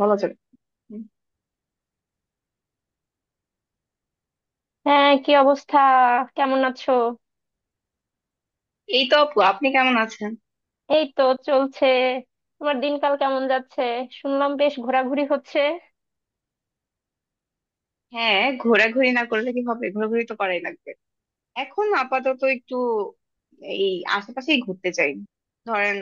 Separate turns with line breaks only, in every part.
বলা যাবে। হুম।
হ্যাঁ, কি অবস্থা? কেমন আছো?
এই তো আপু, আপনি কেমন আছেন?
এই তো চলছে। তোমার দিনকাল কেমন যাচ্ছে? শুনলাম বেশ ঘোরাঘুরি হচ্ছে।
হ্যাঁ, ঘোরাঘুরি না করলে কি হবে, ঘোরাঘুরি তো করাই লাগবে। এখন আপাতত একটু এই আশেপাশেই ঘুরতে চাই। ধরেন,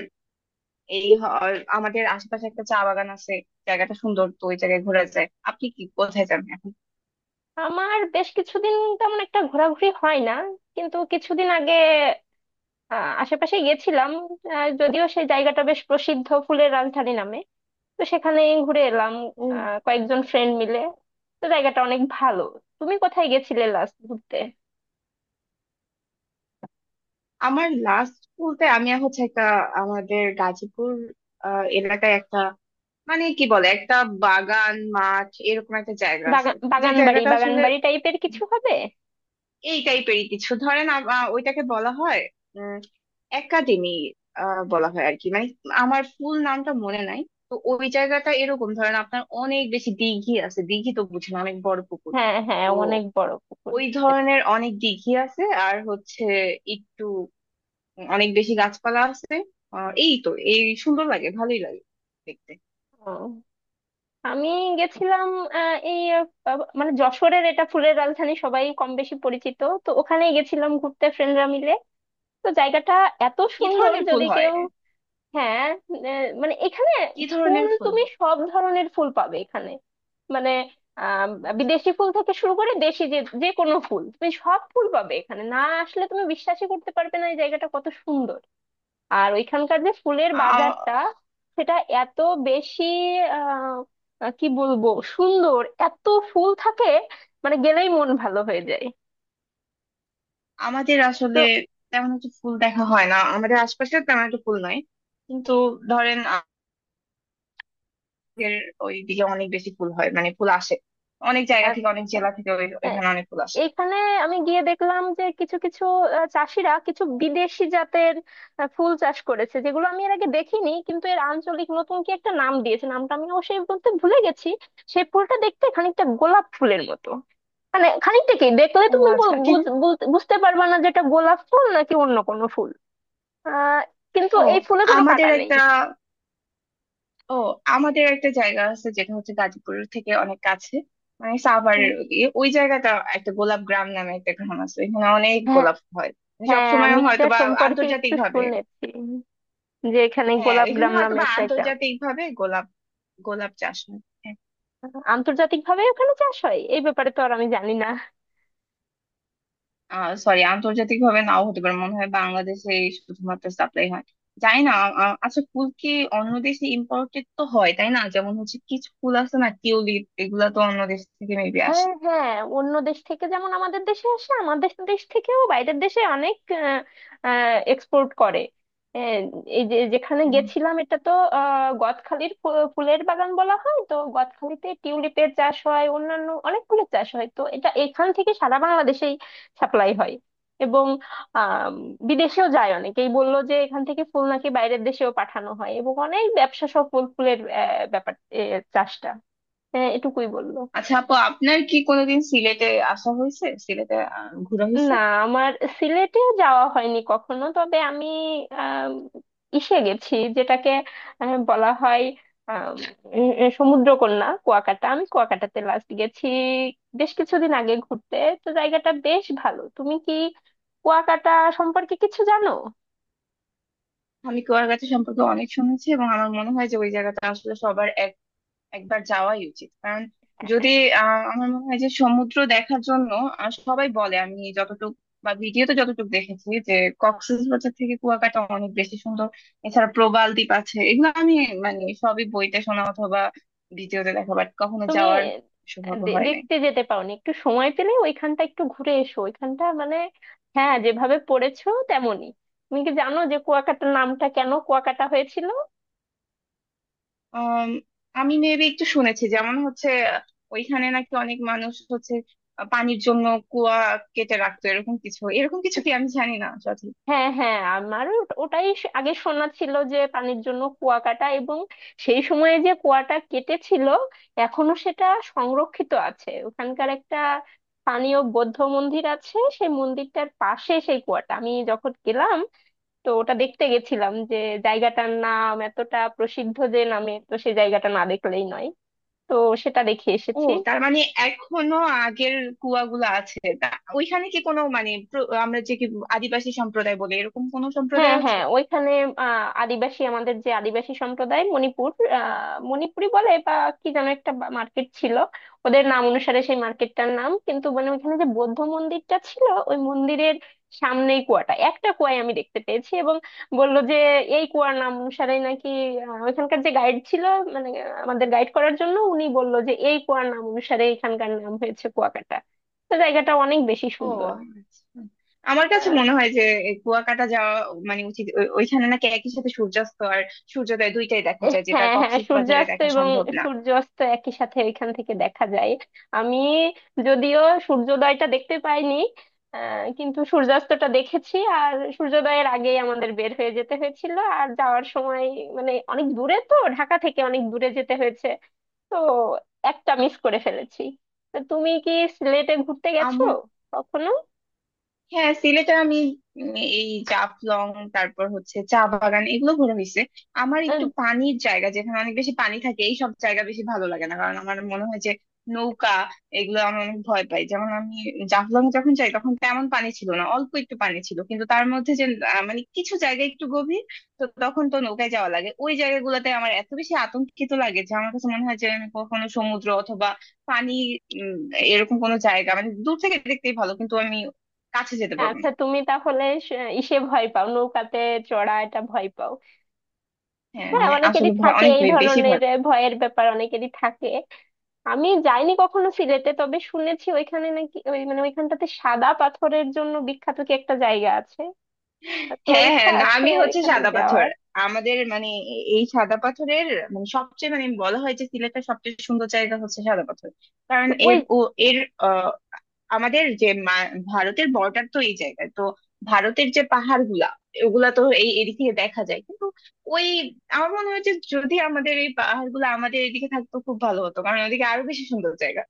এই হ- আমাদের আশেপাশে একটা চা বাগান আছে। জায়গাটা সুন্দর, তো ওই জায়গায় ঘোরা যায়। আপনি কি কোথায় যাবেন এখন?
আমার বেশ কিছুদিন তেমন একটা ঘোরাঘুরি হয় না, কিন্তু কিছুদিন আগে আশেপাশে গেছিলাম। যদিও সেই জায়গাটা বেশ প্রসিদ্ধ ফুলের রাজধানী নামে, তো সেখানে ঘুরে এলাম
ও,
কয়েকজন ফ্রেন্ড মিলে। তো জায়গাটা অনেক ভালো। তুমি কোথায় গেছিলে লাস্ট ঘুরতে?
আমার লাস্ট বলতে আমি হচ্ছে একটা আমাদের গাজীপুর এলাকায় একটা, মানে কি বলে, একটা বাগান মাঠ এরকম একটা জায়গা আছে।
বাগান,
যে
বাগান বাড়ি
জায়গাটা
বাগান বাড়ি টাইপের কিছু হবে।
এই টাইপেরই কিছু, ধরেন ওইটাকে বলা হয় উম একাডেমি বলা হয় আর কি, মানে আমার ফুল নামটা মনে নাই। তো ওই জায়গাটা এরকম, ধরেন আপনার অনেক বেশি দিঘি আছে। দিঘি তো বুঝেন, অনেক বড় পুকুর।
হ্যাঁ হ্যাঁ,
তো
অনেক বড় পুকুর,
ওই
বুঝতে
ধরনের
পারছি।
অনেক দিঘি আছে। আর হচ্ছে একটু অনেক বেশি গাছপালা আছে। এই তো, এই সুন্দর লাগে, ভালোই লাগে দেখতে।
ও, আমি গেছিলাম আহ, এই মানে যশোরের, এটা ফুলের রাজধানী, সবাই কম বেশি পরিচিত, তো ওখানেই গেছিলাম ঘুরতে ফ্রেন্ডরা মিলে। তো জায়গাটা এত
কি
সুন্দর,
ধরনের ফুল
যদি
হয়?
কেউ। হ্যাঁ, মানে এখানে
কি
ফুল,
ধরনের ফুল
তুমি
হয়?
সব ধরনের ফুল পাবে এখানে। মানে আহ বিদেশি ফুল থেকে শুরু করে দেশি যে যে কোনো ফুল, তুমি সব ফুল পাবে এখানে, না? আসলে তুমি বিশ্বাসই করতে পারবে না এই জায়গাটা কত সুন্দর। আর ওইখানকার যে ফুলের
আচ্ছা,
বাজারটা, সেটা এত বেশি আহ আহ, কি বলবো, সুন্দর, এত ফুল থাকে, মানে গেলেই মন ভালো হয়ে যায়।
আমাদের
তো
আসলে তেমন একটা ফুল দেখা হয় না, আমাদের আশপাশে তেমন একটা ফুল নাই। কিন্তু ধরেন আমাদের ওইদিকে অনেক বেশি ফুল হয়, মানে ফুল আসে অনেক জায়গা
আহ,
থেকে, অনেক জেলা থেকে।
আহ,
ওইখানে অনেক ফুল আসে।
এইখানে আমি গিয়ে দেখলাম যে কিছু কিছু চাষিরা কিছু বিদেশি জাতের ফুল চাষ করেছে, যেগুলো আমি এর আগে দেখিনি, কিন্তু এর আঞ্চলিক নতুন কি একটা নাম দিয়েছে, নামটা আমি অবশ্যই বলতে ভুলে গেছি। সেই ফুলটা দেখতে খানিকটা গোলাপ ফুলের মতো। মানে খানিকটা কি, দেখলে
ও
তুমি
আচ্ছা। কি?
বুঝতে পারবা না যেটা গোলাপ ফুল নাকি অন্য কোনো ফুল। আহ কিন্তু
ও,
এই ফুলে কোনো
আমাদের
কাঁটা নেই।
একটা, ও আমাদের একটা জায়গা আছে যেটা হচ্ছে গাজীপুর থেকে অনেক কাছে, মানে
হুম।
সাভারের ওদিকে ওই জায়গাটা। একটা গোলাপ গ্রাম নামে একটা গ্রাম আছে, ওইখানে অনেক
হ্যাঁ
গোলাপ হয়।
হ্যাঁ,
সবসময়
আমি
হয়তো
এটা
বা
সম্পর্কে
আন্তর্জাতিক
একটু
ভাবে।
শুনেছি, যে এখানে
হ্যাঁ,
গোলাপ
এখানে
গ্রাম
হয়তো
নামে
বা
একটা গ্রাম।
আন্তর্জাতিক ভাবে গোলাপ, গোলাপ চাষ হয়। হ্যাঁ,
আন্তর্জাতিক ভাবে ওখানে চাষ হয় এই ব্যাপারে তো আর আমি জানি না।
সরি, আন্তর্জাতিক ভাবে নাও হতে পারে, মনে হয় বাংলাদেশে শুধুমাত্র সাপ্লাই হয়। জানি না। আচ্ছা, ফুল কি অন্য দেশে ইম্পোর্টেড তো হয়, তাই না? যেমন হচ্ছে কিছু ফুল আছে না, টিউলিপ, এগুলা তো অন্য দেশ থেকে মেবি আসে।
হ্যাঁ হ্যাঁ, অন্য দেশ থেকে যেমন আমাদের দেশে আসে, আমাদের দেশ থেকেও বাইরের দেশে অনেক এক্সপোর্ট করে। আহ, এই যে যেখানে
উম,
গেছিলাম, এটা তো গদখালির ফুলের বাগান বলা হয়। তো গদখালিতে টিউলিপের চাষ হয়, অন্যান্য অনেক ফুলের চাষ হয়। তো এটা এখান থেকে সারা বাংলাদেশেই সাপ্লাই হয় এবং আহ বিদেশেও যায়। অনেকেই বললো যে এখান থেকে ফুল নাকি বাইরের দেশেও পাঠানো হয়, এবং অনেক ব্যবসা সফল ফুলের ব্যাপার এ, চাষটা। হ্যাঁ, এটুকুই বললো।
আচ্ছা আপু, আপনার কি কোনোদিন সিলেটে আসা হয়েছে, সিলেটে ঘোরা হয়েছে?
না, আমার সিলেটে যাওয়া হয়নি কখনো, তবে আমি আম, ইসে গেছি, যেটাকে বলা হয় আম, সমুদ্রকন্যা কুয়াকাটা। আমি কুয়াকাটাতে লাস্ট গেছি বেশ কিছুদিন আগে ঘুরতে। তো জায়গাটা বেশ ভালো। তুমি কি কুয়াকাটা সম্পর্কে কিছু জানো?
আমি কুয়াকাটা সম্পর্কে অনেক শুনেছি, এবং আমার মনে হয় যে ওই জায়গাটা আসলে সবার একবার যাওয়াই উচিত। কারণ যদি, আহ, আমার মনে হয় যে সমুদ্র দেখার জন্য, সবাই বলে, আমি যতটুকু বা ভিডিওতে যতটুকু দেখেছি যে কক্সবাজার থেকে কুয়াকাটা অনেক বেশি সুন্দর। এছাড়া প্রবাল দ্বীপ আছে, এগুলো আমি মানে সবই বইতে শোনা অথবা ভিডিওতে দেখা, বাট কখনো
তুমি
যাওয়ার সৌভাগ্য হয় নাই।
দেখতে যেতে পাওনি? একটু সময় পেলে ওইখানটা একটু ঘুরে এসো। ওইখানটা মানে, হ্যাঁ, যেভাবে পড়েছো তেমনই। তুমি কি জানো যে কুয়াকাটার নামটা কেন কুয়াকাটা হয়েছিল?
আম, আমি মেবি একটু শুনেছি। যেমন হচ্ছে আহ, ওইখানে নাকি অনেক মানুষ হচ্ছে পানির জন্য কুয়া কেটে রাখতো, এরকম কিছু, এরকম কিছু কি আমি জানি না।
হ্যাঁ হ্যাঁ, আমারও ওটাই আগে শোনা ছিল, যে পানির জন্য কুয়া কাটা, এবং সেই সময়ে যে কুয়াটা কেটেছিল এখনো সেটা সংরক্ষিত আছে। ওখানকার একটা স্থানীয় বৌদ্ধ মন্দির আছে, সেই মন্দিরটার পাশে সেই কুয়াটা আমি যখন গেলাম, তো ওটা দেখতে গেছিলাম, যে জায়গাটার নাম এতটা প্রসিদ্ধ যে নামে, তো সেই জায়গাটা না দেখলেই নয়। তো সেটা দেখে
ও,
এসেছি।
তার মানে এখনো আগের কুয়াগুলো আছে তা। ওইখানে কি কোনো মানে, আমরা যে কি আদিবাসী সম্প্রদায় বলি, এরকম কোনো
হ্যাঁ
সম্প্রদায় আছে?
হ্যাঁ, ওইখানে আদিবাসী, আমাদের যে আদিবাসী সম্প্রদায় মণিপুর, মণিপুরি বলে, বা কি যেন একটা মার্কেট ছিল ওদের নাম অনুসারে, সেই মার্কেটটার নাম। কিন্তু মানে ওইখানে যে বৌদ্ধ মন্দিরটা ছিল, ওই মন্দিরের সামনেই কুয়াটা, একটা কুয়ায় আমি দেখতে পেয়েছি, এবং বললো যে এই কুয়ার নাম অনুসারে নাকি, ওইখানকার যে গাইড ছিল, মানে আমাদের গাইড করার জন্য, উনি বললো যে এই কুয়ার নাম অনুসারে এখানকার নাম হয়েছে কুয়াকাটা। তো জায়গাটা অনেক বেশি
ও
সুন্দর।
আচ্ছা। আমার কাছে মনে হয় যে এই কুয়াকাটা যাওয়া মানে উচিত। ওইখানে নাকি একই সাথে সূর্যাস্ত আর সূর্যোদয় দুইটাই দেখা যায়, যেটা
হ্যাঁ হ্যাঁ,
কক্সবাজারে
সূর্যাস্ত
দেখা
এবং
সম্ভব
সূর্যাস্ত একই সাথে এখান থেকে দেখা যায়। আমি যদিও সূর্যোদয়টা দেখতে পাইনি, কিন্তু সূর্যাস্তটা দেখেছি। আর সূর্যোদয়ের আগেই আমাদের বের হয়ে যেতে হয়েছিল, আর যাওয়ার সময় মানে অনেক দূরে, তো ঢাকা থেকে অনেক দূরে যেতে হয়েছে। তো একটা মিস করে ফেলেছি। তা তুমি কি সিলেটে ঘুরতে গেছো
না।
কখনো?
হ্যাঁ, সিলেটে আমি উম এই জাফলং, তারপর হচ্ছে চা বাগান, এগুলো ঘোরা হয়েছে। আমার একটু
আহ,
পানির জায়গা, যেখানে অনেক বেশি পানি থাকে, এই সব জায়গা বেশি ভালো লাগে না। কারণ আমার মনে হয় যে নৌকা, এগুলো আমি অনেক ভয় পাই। যেমন আমি জাফলং যখন যাই, তখন তেমন পানি ছিল না, অল্প একটু পানি ছিল। কিন্তু তার মধ্যে যে মানে কিছু জায়গা একটু গভীর, তো তখন তো নৌকায় যাওয়া লাগে। ওই জায়গাগুলোতে আমার এত বেশি আতঙ্কিত লাগে যে আমার কাছে মনে হয় যে আমি কখনো সমুদ্র অথবা পানি, উম, এরকম কোনো জায়গা মানে দূর থেকে দেখতেই ভালো, কিন্তু আমি কাছে যেতে পারবেন।
আচ্ছা, তুমি তাহলে ইসে ভয় পাও, নৌকাতে চড়া এটা ভয় পাও?
হ্যাঁ
হ্যাঁ,
হ্যাঁ
অনেকেরই
আসলে ভয়,
থাকে
অনেক
এই
ভয়, বেশি
ধরনের
ভয়।
ভয়ের ব্যাপার, অনেকেরই থাকে। আমি যাইনি কখনো সিলেটে, তবে শুনেছি ওইখানে নাকি ওই মানে ওইখানটাতে সাদা পাথরের জন্য বিখ্যাত কি একটা জায়গা আছে। তো
হ্যাঁ
ইচ্ছা
হ্যাঁ
আছে
নামই হচ্ছে
এখানে
সাদা পাথর।
যাওয়ার।
আমাদের মানে, এই সাদা পাথরের মানে সবচেয়ে, মানে বলা হয় যে সিলেটের সবচেয়ে সুন্দর জায়গা হচ্ছে সাদা পাথর। কারণ
তো ওই,
এর, ও, এর আহ, আমাদের যে ভারতের বর্ডার তো এই জায়গায়, তো ভারতের যে পাহাড় গুলা, ওগুলা তো এই এদিক থেকে দেখা যায়। কিন্তু ওই, আমার মনে হয় যে যদি আমাদের এই পাহাড় গুলো আমাদের এদিকে থাকতো, খুব ভালো হতো। কারণ ওদিকে আরো বেশি সুন্দর জায়গা।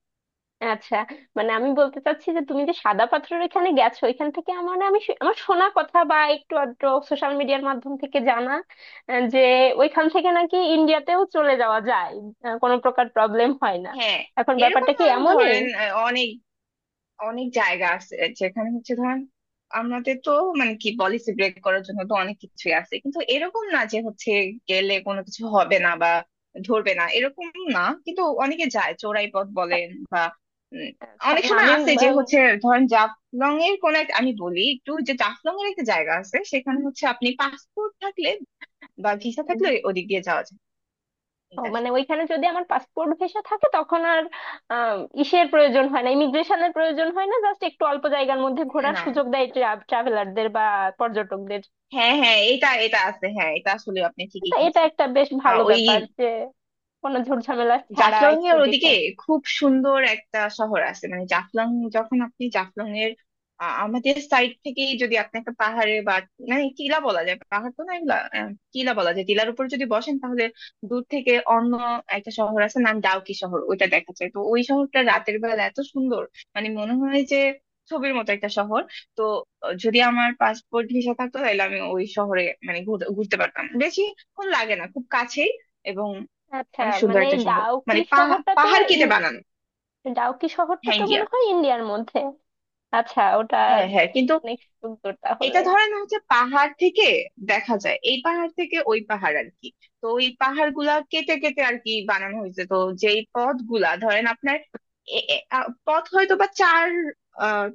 আচ্ছা মানে আমি বলতে চাচ্ছি যে তুমি যে সাদা পাথরের ওইখানে গেছো, ওইখান থেকে আমার, মানে আমি আমার শোনা কথা বা একটু আধটু সোশ্যাল মিডিয়ার মাধ্যম থেকে জানা যে ওইখান থেকে নাকি ইন্ডিয়াতেও চলে যাওয়া যায়, কোনো প্রকার প্রবলেম হয় না।
হ্যাঁ,
এখন ব্যাপারটা
এরকম
কি
অনেক
এমনই?
ধরেন, অনেক, অনেক জায়গা আছে যেখানে হচ্ছে, ধরেন আমাদের তো মানে কি পলিসি ব্রেক করার জন্য তো অনেক কিছুই আছে। কিন্তু এরকম না যে হচ্ছে গেলে কোনো কিছু হবে না বা ধরবে না, এরকম না। কিন্তু অনেকে যায় চোরাই পথ বলেন বা, উম,
আচ্ছা,
অনেক
না
সময়
আমি
আছে যে
আহ,
হচ্ছে ধরেন জাফলং এর কোন একটা, আমি বলি একটু, যে জাফলং এর একটা জায়গা আছে সেখানে হচ্ছে আপনি পাসপোর্ট থাকলে বা ভিসা
উম,
থাকলে ওদিক দিয়ে যাওয়া যায়।
ও,
এটা
মানে ওইখানে যদি আমার পাসপোর্ট ভিসা থাকে, তখন আর আম, ইসের প্রয়োজন হয় না, ইমিগ্রেশনের প্রয়োজন হয় না, জাস্ট একটু অল্প জায়গার মধ্যে ঘোরার
না।
সুযোগ দেয় ট্রাভেলারদের বা পর্যটকদের।
হ্যাঁ হ্যাঁ এটা এটা আছে, হ্যাঁ, এটা আসলে আপনি ঠিকই
তো এটা
শুনছেন।
একটা বেশ
আহ,
ভালো
ওই
ব্যাপার যে কোনো ঝুটঝামেলা ছাড়া
জাফলং
একটু
এর
দেখে
ওদিকে
আসি।
খুব সুন্দর একটা শহর আছে। মানে জাফলং, যখন আপনি জাফলং এর আমাদের সাইড থেকেই যদি আপনি একটা পাহাড়ে বা মানে টিলা বলা যায়, পাহাড় তো না এগুলা, টিলা বলা যায়, টিলার উপর যদি বসেন, তাহলে দূর থেকে অন্য একটা শহর আছে নাম ডাউকি শহর, ওইটা দেখা যায়। তো ওই শহরটা রাতের বেলা এত সুন্দর, মানে মনে হয় যে ছবির মতো একটা শহর। তো যদি আমার পাসপোর্ট ভিসা থাকতো, তাহলে আমি ওই শহরে মানে ঘুরতে পারতাম, বেশিক্ষণ লাগে না, খুব কাছেই, এবং
আচ্ছা
অনেক
মানে
সুন্দর
এই
একটা শহর।
ডাউকি
মানে
শহরটা তো,
পাহাড় কেটে
ইন-
বানানো।
ডাউকি শহরটা
হ্যাঁ,
তো
ইন্ডিয়া।
মনে হয় ইন্ডিয়ার মধ্যে। আচ্ছা, ওটা
হ্যাঁ হ্যাঁ কিন্তু
অনেক সুন্দর তাহলে।
এটা ধরেন হচ্ছে পাহাড় থেকে দেখা যায়, এই পাহাড় থেকে ওই পাহাড় আর কি। তো ওই পাহাড় গুলা কেটে কেটে আর কি বানানো হয়েছে। তো যেই পথ গুলা ধরেন আপনার, এ- এ- আ, পথ হয়তো বা চার আহ,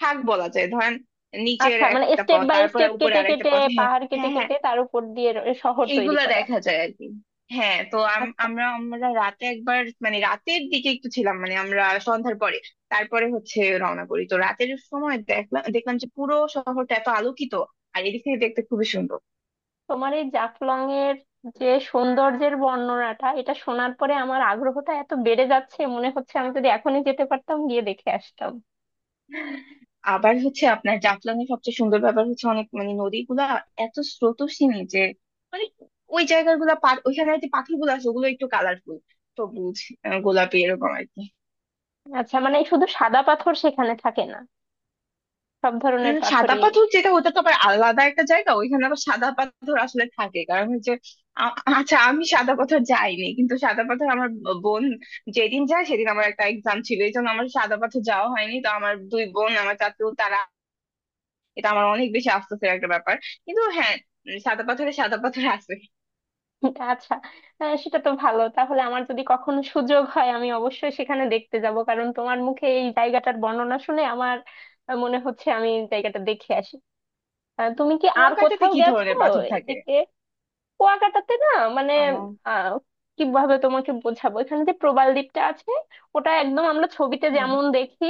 থাক বলা যায়, ধরেন নিচের
আচ্ছা, মানে
একটা
স্টেপ
পথ,
বাই
তারপরে
স্টেপ
উপরে
কেটে
আরেকটা
কেটে,
পথ। হ্যাঁ,
পাহাড় কেটে
হ্যাঁ, হ্যাঁ,
কেটে তার উপর দিয়ে শহর তৈরি
এইগুলা
করা।
দেখা যায় আর কি। হ্যাঁ, তো আম-
আচ্ছা,
আমরা আমরা রাতে একবার মানে রাতের দিকে একটু ছিলাম, মানে আমরা সন্ধ্যার পরে, তারপরে হচ্ছে রওনা করি। তো রাতের সময় দেখলাম, দেখলাম যে পুরো শহরটা এত আলোকিত, আর এদিক থেকে দেখতে খুবই সুন্দর।
তোমার এই জাফলং এর যে সৌন্দর্যের বর্ণনাটা, এটা শোনার পরে আমার আগ্রহটা এত বেড়ে যাচ্ছে, মনে হচ্ছে আমি যদি এখনই যেতে পারতাম, গিয়ে দেখে আসতাম।
আবার হচ্ছে আপনার জাফলং এর সবচেয়ে সুন্দর ব্যাপার হচ্ছে অনেক মানে নদীগুলা এত স্রোতস্বিনী যে, মানে ওই জায়গাগুলা ওইখানে যে পাখিগুলো আছে, ওগুলো একটু কালারফুল, সবুজ, গোলাপি, এরকম আর কি।
আচ্ছা, মানে শুধু সাদা পাথর সেখানে থাকে না, সব ধরনের
উম, সাদা
পাথরই?
পাথর যেটা, ওটা তো আবার আলাদা একটা জায়গা, ওইখানে আবার সাদা পাথর আসলে থাকে। কারণ হচ্ছে, আ- আচ্ছা, আমি সাদা পাথর যাইনি, কিন্তু সাদা পাথর আমার বোন যেদিন যায়, সেদিন আমার একটা এক্সাম ছিল, এই জন্য আমার সাদা পাথর যাওয়া হয়নি। তো আমার দুই বোন, আমার চাচু, তারা। এটা আমার অনেক বেশি আফসোসের একটা ব্যাপার, কিন্তু হ্যাঁ। উম, সাদা পাথরে সাদা পাথর আছে।
আচ্ছা, হ্যাঁ সেটা তো ভালো তাহলে। আমার যদি কখনো সুযোগ হয়, আমি অবশ্যই সেখানে দেখতে যাব, কারণ তোমার মুখে এই জায়গাটার বর্ণনা শুনে আমার মনে হচ্ছে আমি জায়গাটা দেখে আসি। তুমি কি আর
কুয়াকাটাতে
কোথাও
কি
গেছো
ধরনের পাথর থাকে?
এদিকে? কুয়াকাটাতে না, মানে
আহ,
আহ কিভাবে তোমাকে বোঝাবো, এখানে যে প্রবাল দ্বীপটা আছে, ওটা একদম আমরা ছবিতে
হুম।
যেমন দেখি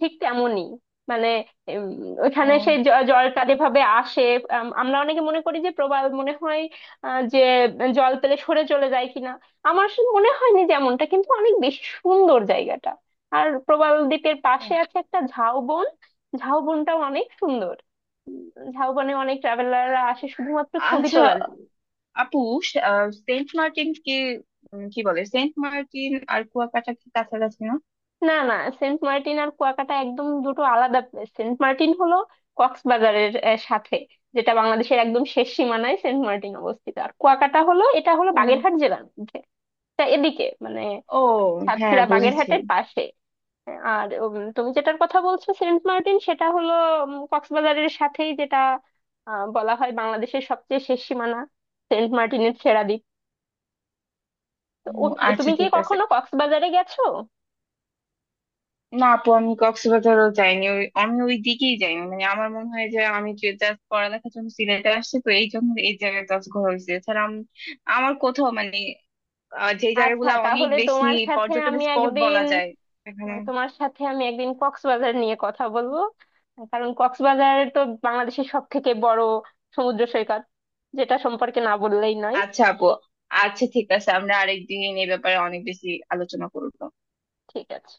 ঠিক তেমনই। মানে উম, ওখানে সেই
ও,
জলটা যেভাবে আসে, আমরা অনেকে মনে করি যে প্রবাল মনে হয় যে জল পেলে সরে চলে যায় কিনা। আমার আসলে মনে হয়নি যেমনটা, কিন্তু অনেক বেশি সুন্দর জায়গাটা। আর প্রবাল দ্বীপের
ও
পাশে আছে একটা ঝাউবন। ঝাউবনটাও অনেক সুন্দর। উম, ঝাউবনে অনেক ট্রাভেলাররা আসে শুধুমাত্র ছবি
আচ্ছা।
তোলার।
আপু, সেন্ট মার্টিন কি, উম, কি বলে, সেন্ট মার্টিন আর কুয়াকাটা কি কাছাকাছি না?
না না, সেন্ট মার্টিন আর কুয়াকাটা একদম দুটো আলাদা প্লেস। সেন্ট মার্টিন হলো কক্সবাজারের সাথে, যেটা বাংলাদেশের একদম শেষ সীমানায় সেন্ট মার্টিন অবস্থিত। আর কুয়াকাটা হলো, এটা হলো
ও।
বাগেরহাট জেলার মধ্যে। তা এদিকে মানে
ও, হ্যাঁ,
সাতক্ষীরা
বুঝেছি।
বাগেরহাটের পাশে। আর তুমি যেটার কথা বলছো সেন্ট মার্টিন, সেটা হলো কক্সবাজারের সাথেই, যেটা বলা হয় বাংলাদেশের সবচেয়ে শেষ সীমানা, সেন্ট মার্টিনের ছেড়া দ্বীপ। তো
উম,
ও- তুমি
আচ্ছা,
কি
ঠিক আছে।
কখনো কক্সবাজারে গেছো?
না আপু, আমি কক্সবাজারও যাইনি, ওই আমি ওই দিকেই যাইনি। মানে আমার মনে হয় যে আমি যে জাস্ট পড়ালেখার জন্য সিলেটে আসছি, তো এই জন্য এই জায়গায় জাস্ট ঘোরা হয়েছে। এছাড়া আমার কোথাও মানে যে
আচ্ছা,
জায়গাগুলো অনেক
তাহলে
বেশি
তোমার সাথে
পর্যটন
আমি
স্পট
একদিন,
বলা যায় এখানে।
তোমার সাথে আমি একদিন কক্সবাজার নিয়ে কথা বলবো, কারণ কক্সবাজার তো বাংলাদেশের সব থেকে বড় সমুদ্র সৈকত, যেটা সম্পর্কে না বললেই নয়।
আচ্ছা আপু, আচ্ছা ঠিক আছে, আমরা আরেকদিন এই ব্যাপারে অনেক বেশি আলোচনা করবো।
ঠিক আছে।